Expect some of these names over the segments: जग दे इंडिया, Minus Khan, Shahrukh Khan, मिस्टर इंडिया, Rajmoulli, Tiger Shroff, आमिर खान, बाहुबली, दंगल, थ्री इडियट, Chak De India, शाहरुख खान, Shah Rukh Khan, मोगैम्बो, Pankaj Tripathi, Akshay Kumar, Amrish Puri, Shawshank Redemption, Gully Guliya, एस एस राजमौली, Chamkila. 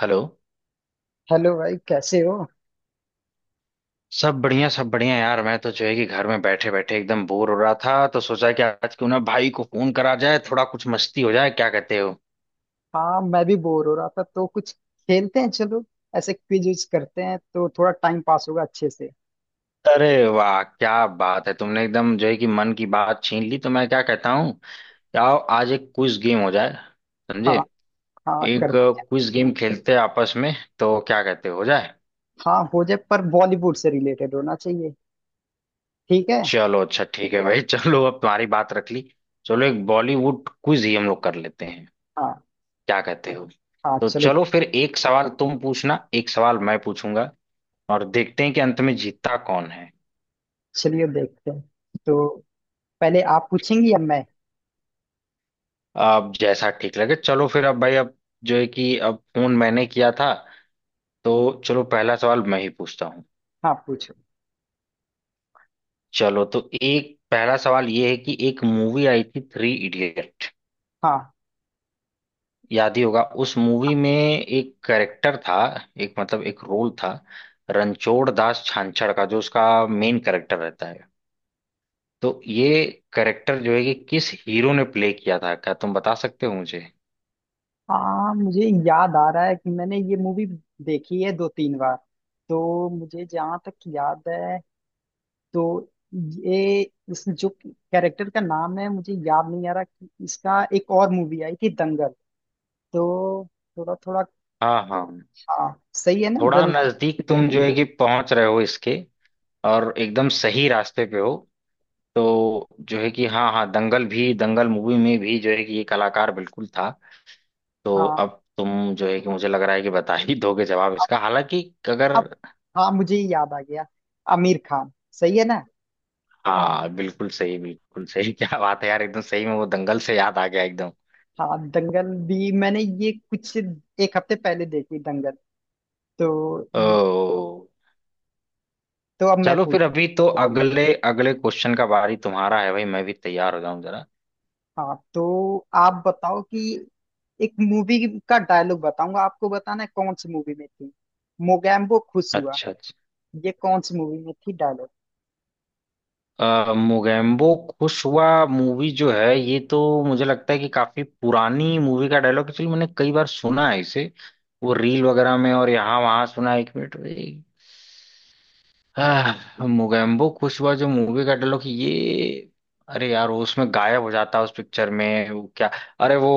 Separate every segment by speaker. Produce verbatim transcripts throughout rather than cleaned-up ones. Speaker 1: Hello.
Speaker 2: Hello भाई, कैसे हो?
Speaker 1: सब बढ़िया सब बढ़िया यार, मैं तो जो है कि घर में बैठे बैठे एकदम बोर हो रहा था, तो सोचा कि आज क्यों ना भाई को फोन करा जाए, थोड़ा कुछ मस्ती हो जाए, क्या कहते हो?
Speaker 2: हाँ, मैं भी बोर हो रहा था तो कुछ खेलते हैं। चलो ऐसे क्विज विज करते हैं तो थोड़ा टाइम पास होगा अच्छे से।
Speaker 1: अरे वाह, क्या बात है, तुमने एकदम जो है कि मन की बात छीन ली। तो मैं क्या कहता हूँ कि आओ आज एक क्विज गेम हो जाए, समझे?
Speaker 2: हाँ, हाँ
Speaker 1: एक
Speaker 2: कर।
Speaker 1: क्विज गेम खेलते हैं आपस में, तो क्या कहते हो हो जाए?
Speaker 2: हाँ, हो जाए पर बॉलीवुड से रिलेटेड होना चाहिए। ठीक है।
Speaker 1: चलो अच्छा ठीक है भाई। चलो अब तुम्हारी बात रख ली। चलो एक बॉलीवुड क्विज ही हम लोग कर लेते हैं।
Speaker 2: हाँ,
Speaker 1: क्या कहते हो?
Speaker 2: हाँ,
Speaker 1: तो
Speaker 2: चलो।
Speaker 1: चलो फिर, एक सवाल तुम पूछना, एक सवाल मैं पूछूंगा, और देखते हैं कि अंत में जीतता कौन है।
Speaker 2: चलिए देखते हैं। तो पहले आप पूछेंगी या मैं?
Speaker 1: अब जैसा ठीक लगे। चलो फिर, अब भाई, अब जो है कि अब फोन मैंने किया था, तो चलो पहला सवाल मैं ही पूछता हूँ।
Speaker 2: हाँ पूछो।
Speaker 1: चलो, तो एक पहला सवाल ये है कि एक मूवी आई थी, थ्री इडियट,
Speaker 2: हाँ,
Speaker 1: याद ही होगा। उस मूवी में एक कैरेक्टर था, एक मतलब एक रोल था, रणछोड़ दास छांछड़ का, जो उसका मेन कैरेक्टर रहता है। तो ये करेक्टर जो है कि किस हीरो ने प्ले किया था, क्या तुम बता सकते हो मुझे?
Speaker 2: हाँ, मुझे याद आ रहा है कि मैंने ये मूवी देखी है दो तीन बार। तो मुझे जहाँ तक याद है, तो ये इस जो कैरेक्टर का नाम है मुझे याद नहीं आ रहा कि इसका, एक और मूवी आई थी दंगल, तो थोड़ा थोड़ा।
Speaker 1: हाँ हाँ,
Speaker 2: हाँ सही है ना,
Speaker 1: थोड़ा
Speaker 2: दंग।
Speaker 1: नजदीक तुम जो है कि पहुंच रहे हो इसके, और एकदम सही रास्ते पे हो। तो जो है कि हाँ हाँ, दंगल भी, दंगल मूवी में भी जो है कि ये कलाकार बिल्कुल था। तो
Speaker 2: हाँ
Speaker 1: अब तुम जो है कि, मुझे लग रहा है कि बता ही दोगे जवाब
Speaker 2: अब
Speaker 1: इसका, हालांकि अगर।
Speaker 2: अब हाँ मुझे ये याद आ गया। आमिर खान, सही है ना?
Speaker 1: हाँ बिल्कुल सही, बिल्कुल सही। क्या बात है यार, एकदम सही में वो दंगल से याद आ गया एकदम।
Speaker 2: हाँ, दंगल भी मैंने ये कुछ एक हफ्ते पहले देखी, दंगल। तो
Speaker 1: ओ,
Speaker 2: तो अब मैं
Speaker 1: चलो
Speaker 2: पूछ।
Speaker 1: फिर, अभी तो अगले अगले क्वेश्चन का बारी तुम्हारा है भाई, मैं भी तैयार हो जाऊं जरा।
Speaker 2: हाँ तो आप बताओ कि एक मूवी का डायलॉग बताऊंगा, आपको बताना है कौन सी मूवी में थी। मोगैम्बो खुश हुआ।
Speaker 1: अच्छा अच्छा।
Speaker 2: ये कौन सी मूवी में थी डायलॉग?
Speaker 1: अ, मोगेम्बो खुश हुआ मूवी जो है, ये तो मुझे लगता है कि काफी पुरानी मूवी का डायलॉग एक्चुअली, मैंने कई बार सुना है इसे, वो रील वगैरह में और यहाँ वहां सुना है। एक मिनट भाई। आह, मोगेम्बो खुश हुआ जो मूवी का डायलॉग ये। अरे यार, वो उसमें गायब हो जाता है उस पिक्चर में, वो क्या? अरे वो,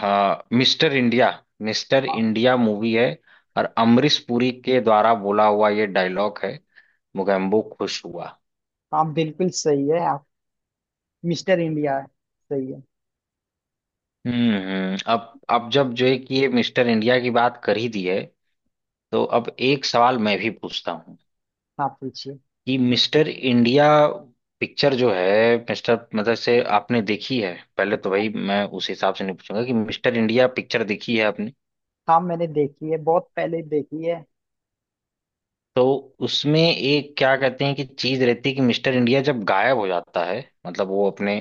Speaker 1: हाँ, मिस्टर इंडिया, मिस्टर
Speaker 2: हाँ,
Speaker 1: इंडिया मूवी है। और अमरीश पुरी के द्वारा बोला हुआ ये डायलॉग है, मोगेम्बो खुश हुआ।
Speaker 2: हाँ बिल्कुल सही है आप। मिस्टर इंडिया है। सही है।
Speaker 1: हम्म हम्म, अब अब जब जो है कि ये मिस्टर इंडिया की बात कर ही दी है, तो अब एक सवाल मैं भी पूछता हूँ
Speaker 2: हाँ पूछिए।
Speaker 1: कि मिस्टर इंडिया पिक्चर जो है, मिस्टर मतलब से आपने देखी है पहले? तो भाई मैं उस हिसाब से नहीं पूछूंगा कि मिस्टर इंडिया पिक्चर देखी है आपने।
Speaker 2: हाँ, मैंने देखी है, बहुत पहले देखी है।
Speaker 1: तो उसमें एक क्या कहते हैं कि चीज रहती है कि मिस्टर इंडिया जब गायब हो जाता है, मतलब वो अपने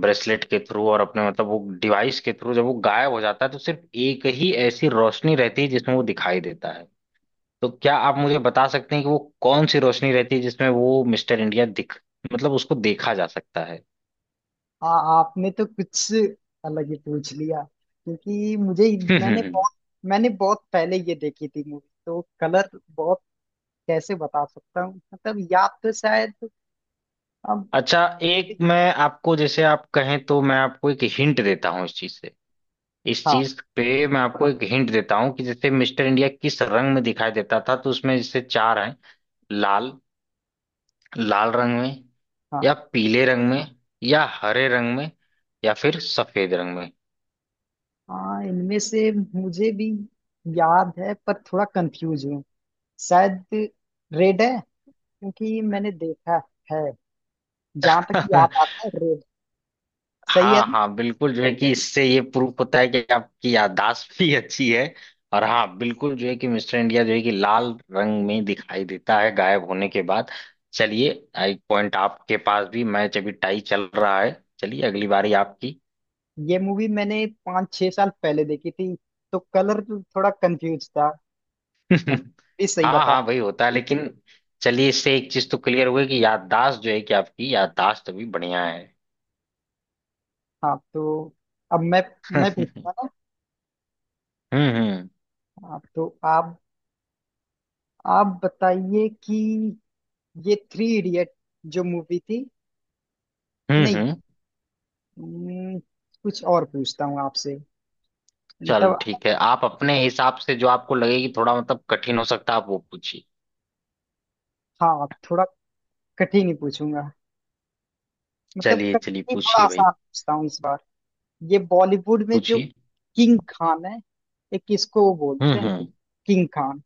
Speaker 1: ब्रेसलेट के थ्रू और अपने मतलब वो डिवाइस के थ्रू जब वो गायब हो जाता है, तो सिर्फ एक ही ऐसी रोशनी रहती है जिसमें वो दिखाई देता है। तो क्या आप मुझे बता सकते हैं कि वो कौन सी रोशनी रहती है जिसमें वो मिस्टर इंडिया दिख, मतलब उसको देखा जा सकता है?
Speaker 2: हाँ आपने तो कुछ अलग ही पूछ लिया। क्योंकि मुझे, मैंने बहुत मैंने बहुत पहले ये देखी थी मूवी, तो कलर, बहुत, कैसे बता सकता हूँ? मतलब याद तो शायद, अब।
Speaker 1: अच्छा, एक मैं आपको, जैसे आप कहें तो मैं आपको एक हिंट देता हूँ इस चीज से। इस
Speaker 2: हाँ,
Speaker 1: चीज पे मैं आपको एक हिंट देता हूँ कि जैसे मिस्टर इंडिया किस रंग में दिखाई देता था, तो उसमें जैसे चार हैं। लाल, लाल रंग में,
Speaker 2: हाँ,
Speaker 1: या पीले रंग में, या हरे रंग में, या फिर सफेद रंग में।
Speaker 2: हाँ, इनमें से मुझे भी याद है, पर थोड़ा कंफ्यूज हूँ। शायद रेड है, क्योंकि मैंने देखा है, जहां तक याद आता है, रेड। सही है
Speaker 1: हाँ
Speaker 2: ना?
Speaker 1: हाँ बिल्कुल, जो है कि इससे ये प्रूफ होता है कि आपकी याददाश्त भी अच्छी है। और हाँ बिल्कुल, जो है कि मिस्टर इंडिया जो है कि लाल रंग में दिखाई देता है गायब होने के बाद। चलिए, एक पॉइंट आपके पास भी, मैच अभी टाई चल रहा है। चलिए अगली बारी आपकी।
Speaker 2: ये मूवी मैंने पाँच छह साल पहले देखी थी तो कलर थोड़ा कंफ्यूज था। ये सही
Speaker 1: हाँ
Speaker 2: बता।
Speaker 1: हाँ भाई, होता है। लेकिन चलिए, इससे एक चीज तो क्लियर हुई कि याददाश्त जो है कि आपकी याददाश्त अभी बढ़िया है।
Speaker 2: हाँ तो अब मैं मैं
Speaker 1: हम्म
Speaker 2: पूछता हूँ।
Speaker 1: हम्म।
Speaker 2: ना, हाँ, तो आप आप बताइए कि ये थ्री इडियट जो मूवी थी,
Speaker 1: हम्म
Speaker 2: नहीं,
Speaker 1: हम्म।
Speaker 2: हम्म, कुछ और पूछता हूँ आपसे,
Speaker 1: चलो
Speaker 2: मतलब।
Speaker 1: ठीक है, आप अपने हिसाब से जो आपको लगे कि थोड़ा मतलब कठिन हो सकता है, आप वो पूछिए।
Speaker 2: हाँ, थोड़ा कठिन ही पूछूंगा, मतलब
Speaker 1: चलिए
Speaker 2: कठिन
Speaker 1: चलिए
Speaker 2: ही, थोड़ा
Speaker 1: पूछिए भाई,
Speaker 2: आसान पूछता हूँ इस बार। ये बॉलीवुड में जो
Speaker 1: पूछिए।
Speaker 2: किंग खान है, एक, किसको वो
Speaker 1: हम्म
Speaker 2: बोलते हैं
Speaker 1: हम्म।
Speaker 2: किंग खान?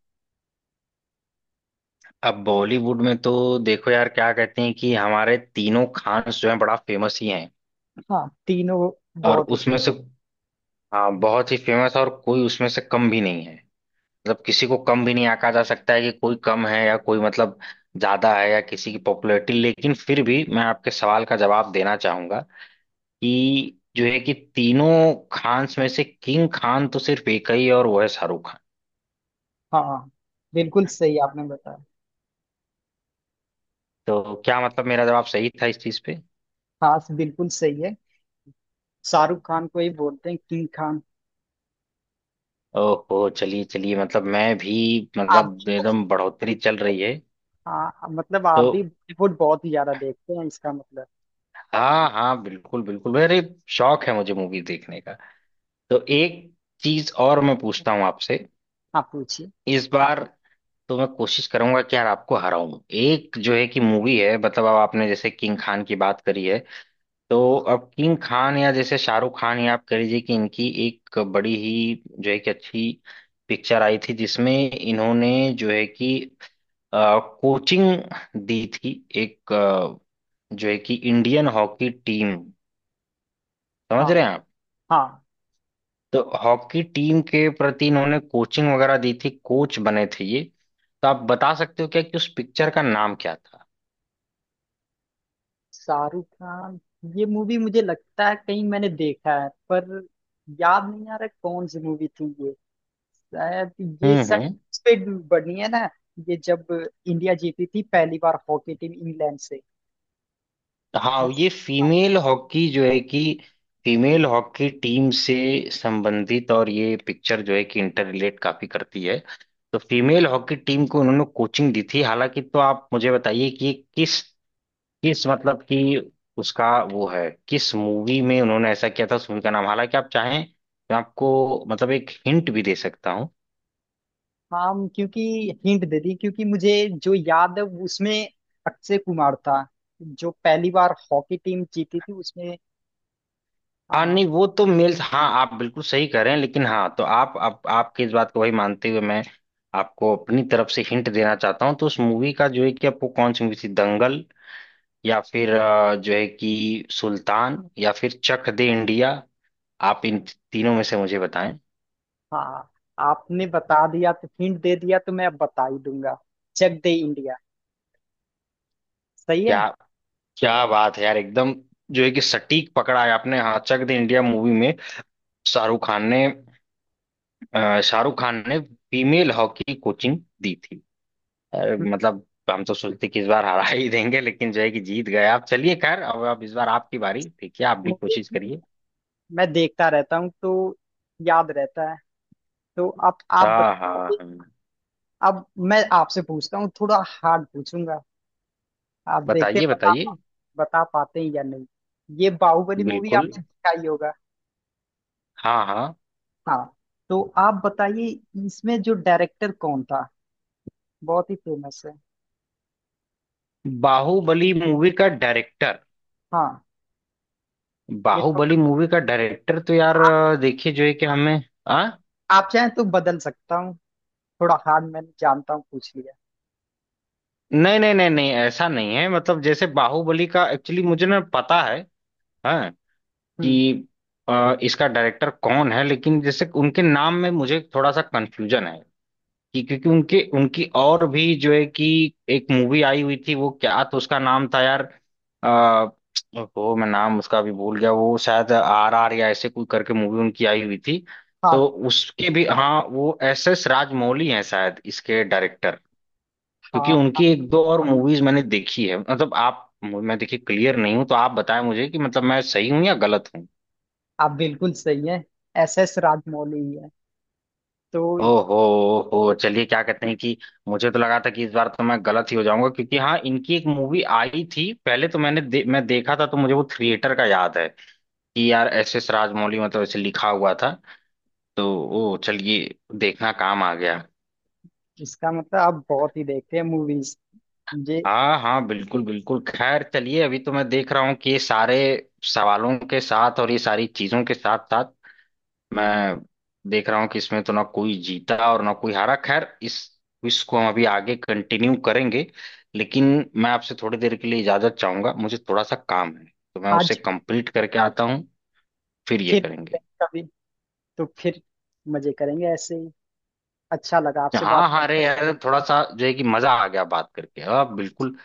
Speaker 1: अब बॉलीवुड में तो, देखो यार, क्या कहते हैं कि हमारे तीनों खान जो है बड़ा फेमस ही हैं।
Speaker 2: हाँ तीनों
Speaker 1: और
Speaker 2: बहुत ही।
Speaker 1: उसमें से, हाँ, बहुत ही फेमस, और कोई उसमें से कम भी नहीं है, मतलब किसी को कम भी नहीं आका जा सकता है कि कोई कम है या कोई मतलब ज्यादा है या किसी की पॉपुलैरिटी। लेकिन फिर भी मैं आपके सवाल का जवाब देना चाहूंगा कि जो है कि तीनों खान्स में से किंग खान तो सिर्फ एक ही है, और वो है शाहरुख खान।
Speaker 2: हाँ बिल्कुल सही आपने बताया।
Speaker 1: तो क्या मतलब मेरा जवाब सही था इस चीज पे?
Speaker 2: हाँ बिल्कुल सही है। शाहरुख खान को ही बोलते हैं किंग खान।
Speaker 1: ओहो, चलिए चलिए, मतलब मैं भी,
Speaker 2: आप,
Speaker 1: मतलब एकदम बढ़ोतरी चल रही है।
Speaker 2: हाँ मतलब
Speaker 1: तो
Speaker 2: आप भी बॉलीवुड बहुत ही ज्यादा देखते हैं इसका मतलब।
Speaker 1: हाँ हाँ बिल्कुल बिल्कुल, मेरे शौक है, मुझे मूवी देखने का। तो एक चीज और मैं पूछता हूँ आपसे
Speaker 2: आप पूछिए।
Speaker 1: इस बार। तो मैं कोशिश करूंगा कि यार आपको हराऊं। एक जो है कि मूवी है, मतलब अब आपने जैसे किंग खान की बात करी है, तो अब किंग खान या जैसे शाहरुख खान, या आप कह लीजिए कि, इनकी एक बड़ी ही जो है कि अच्छी पिक्चर आई थी जिसमें इन्होंने जो है कि अ, कोचिंग दी थी, एक अ, जो है कि इंडियन हॉकी टीम, समझ
Speaker 2: हाँ,
Speaker 1: रहे हैं आप?
Speaker 2: हाँ।
Speaker 1: तो हॉकी टीम के प्रति इन्होंने कोचिंग वगैरह दी थी, कोच बने थे ये। तो आप बता सकते हो क्या कि उस पिक्चर का नाम क्या था?
Speaker 2: शाहरुख खान, ये मूवी मुझे लगता है कहीं मैंने देखा है, पर याद नहीं आ रहा कौन सी मूवी थी। शायद ये
Speaker 1: हम्म
Speaker 2: शायद
Speaker 1: हम्म।
Speaker 2: पे बनी है ना, ये जब इंडिया जीती थी पहली बार हॉकी टीम इंग्लैंड से।
Speaker 1: हाँ,
Speaker 2: मैं-
Speaker 1: ये फीमेल हॉकी जो है कि, फीमेल हॉकी टीम से संबंधित, और ये पिक्चर जो है कि इंटर रिलेट काफी करती है। तो फीमेल हॉकी टीम को उन्होंने कोचिंग दी थी हालांकि। तो आप मुझे बताइए कि ये किस, किस मतलब कि, उसका वो है किस मूवी में उन्होंने ऐसा किया था, उस मूवी का नाम। हालांकि आप चाहें, मैं आपको मतलब एक हिंट भी दे सकता हूँ।
Speaker 2: हाँ, क्योंकि हिंट दे दी, क्योंकि मुझे जो याद है उसमें अक्षय कुमार था, जो पहली बार हॉकी टीम जीती थी उसमें।
Speaker 1: हाँ
Speaker 2: हाँ,
Speaker 1: नहीं, वो तो मेल, हाँ आप बिल्कुल सही कह रहे हैं, लेकिन हाँ, तो आप आप आपकी इस बात को वही मानते हुए मैं आपको अपनी तरफ से हिंट देना चाहता हूँ। तो उस मूवी का जो है कि, आपको कौन सी मूवी थी, दंगल, या फिर अ, जो है कि सुल्तान, या फिर चक दे इंडिया, आप इन तीनों में से मुझे बताएं।
Speaker 2: हाँ आपने बता दिया, तो हिंट दे दिया तो मैं अब बता ही दूंगा। जग दे इंडिया, सही है।
Speaker 1: क्या, क्या बात है यार, एकदम जो है कि सटीक पकड़ा है आपने। हाँ, चक दे इंडिया मूवी में शाहरुख खान ने, अ, शाहरुख खान ने फीमेल हॉकी कोचिंग दी थी। अरे मतलब, हम तो सोचते कि इस बार हरा ही देंगे, लेकिन जो है कि जीत गए आप। चलिए खैर, अब अब इस बार आपकी बारी, ठीक है, आप भी
Speaker 2: मूवी
Speaker 1: कोशिश करिए।
Speaker 2: मैं देखता रहता हूँ तो याद रहता है। तो आप आप
Speaker 1: हाँ हाँ।
Speaker 2: बताइए।
Speaker 1: हाँ
Speaker 2: अब मैं आपसे पूछता हूँ, थोड़ा हार्ड पूछूंगा। आप देखते हैं,
Speaker 1: बताइए
Speaker 2: बता
Speaker 1: बताइए।
Speaker 2: बता पाते हैं या नहीं। ये बाहुबली मूवी
Speaker 1: बिल्कुल,
Speaker 2: आपने देखा ही होगा।
Speaker 1: हाँ हाँ।
Speaker 2: हाँ तो आप बताइए, इसमें जो डायरेक्टर कौन था, बहुत ही फेमस है।
Speaker 1: बाहुबली मूवी का डायरेक्टर?
Speaker 2: हाँ, ये
Speaker 1: बाहुबली
Speaker 2: थोड़ा,
Speaker 1: मूवी का डायरेक्टर तो यार, अ, देखिए जो है कि हमें, आ?
Speaker 2: आप चाहें तो बदल सकता हूँ, थोड़ा हार्ड, मैं जानता हूँ, पूछ लिया।
Speaker 1: नहीं नहीं नहीं नहीं, ऐसा नहीं है, मतलब जैसे बाहुबली का, एक्चुअली मुझे ना पता है हाँ
Speaker 2: हम्म।
Speaker 1: कि अ, इसका डायरेक्टर कौन है, लेकिन जैसे उनके नाम में मुझे थोड़ा सा कंफ्यूजन है। कि क्योंकि उनके, उनकी और भी जो है कि एक मूवी आई हुई थी वो क्या, तो उसका नाम था यार, आ, वो मैं नाम उसका भी भूल गया। वो शायद आर आर या ऐसे कोई करके मूवी उनकी आई हुई थी, तो
Speaker 2: हाँ,
Speaker 1: उसके भी, हाँ, वो एस एस राजमौली हैं शायद इसके डायरेक्टर। क्योंकि
Speaker 2: हाँ,
Speaker 1: उनकी एक दो और मूवीज मैंने देखी है, मतलब आप, मैं देखिए क्लियर नहीं हूँ, तो आप बताएं मुझे कि मतलब मैं सही हूँ या गलत हूँ।
Speaker 2: आप बिल्कुल सही है। एस एस राजमौली ही है। तो इस,
Speaker 1: ओहो, ओहो चलिए, क्या कहते हैं कि मुझे तो लगा था कि इस बार तो मैं गलत ही हो जाऊंगा। क्योंकि हाँ इनकी एक मूवी आई थी पहले तो मैंने दे, मैं देखा था, तो मुझे वो थिएटर का याद है कि यार एस एस राजमौली मतलब ऐसे लिखा हुआ था। तो ओ चलिए, देखना काम आ गया।
Speaker 2: इसका मतलब आप बहुत ही देखते हैं मूवीज। ये
Speaker 1: हाँ हाँ बिल्कुल बिल्कुल। खैर चलिए, अभी तो मैं देख रहा हूँ कि ये सारे सवालों के साथ और ये सारी चीजों के साथ साथ, मैं देख रहा हूँ कि इसमें तो ना कोई जीता और ना कोई हारा। खैर, इस क्विज को हम अभी आगे कंटिन्यू करेंगे, लेकिन मैं आपसे थोड़ी देर के लिए इजाजत चाहूंगा, मुझे थोड़ा सा काम है, तो मैं उसे
Speaker 2: आज
Speaker 1: कंप्लीट करके आता हूँ। फिर ये
Speaker 2: फिर,
Speaker 1: करेंगे।
Speaker 2: कभी तो फिर मजे करेंगे ऐसे ही। अच्छा लगा आपसे
Speaker 1: हाँ
Speaker 2: बात।
Speaker 1: हाँ, अरे यार, थोड़ा सा जो है कि मजा आ गया बात करके, हाँ बिल्कुल।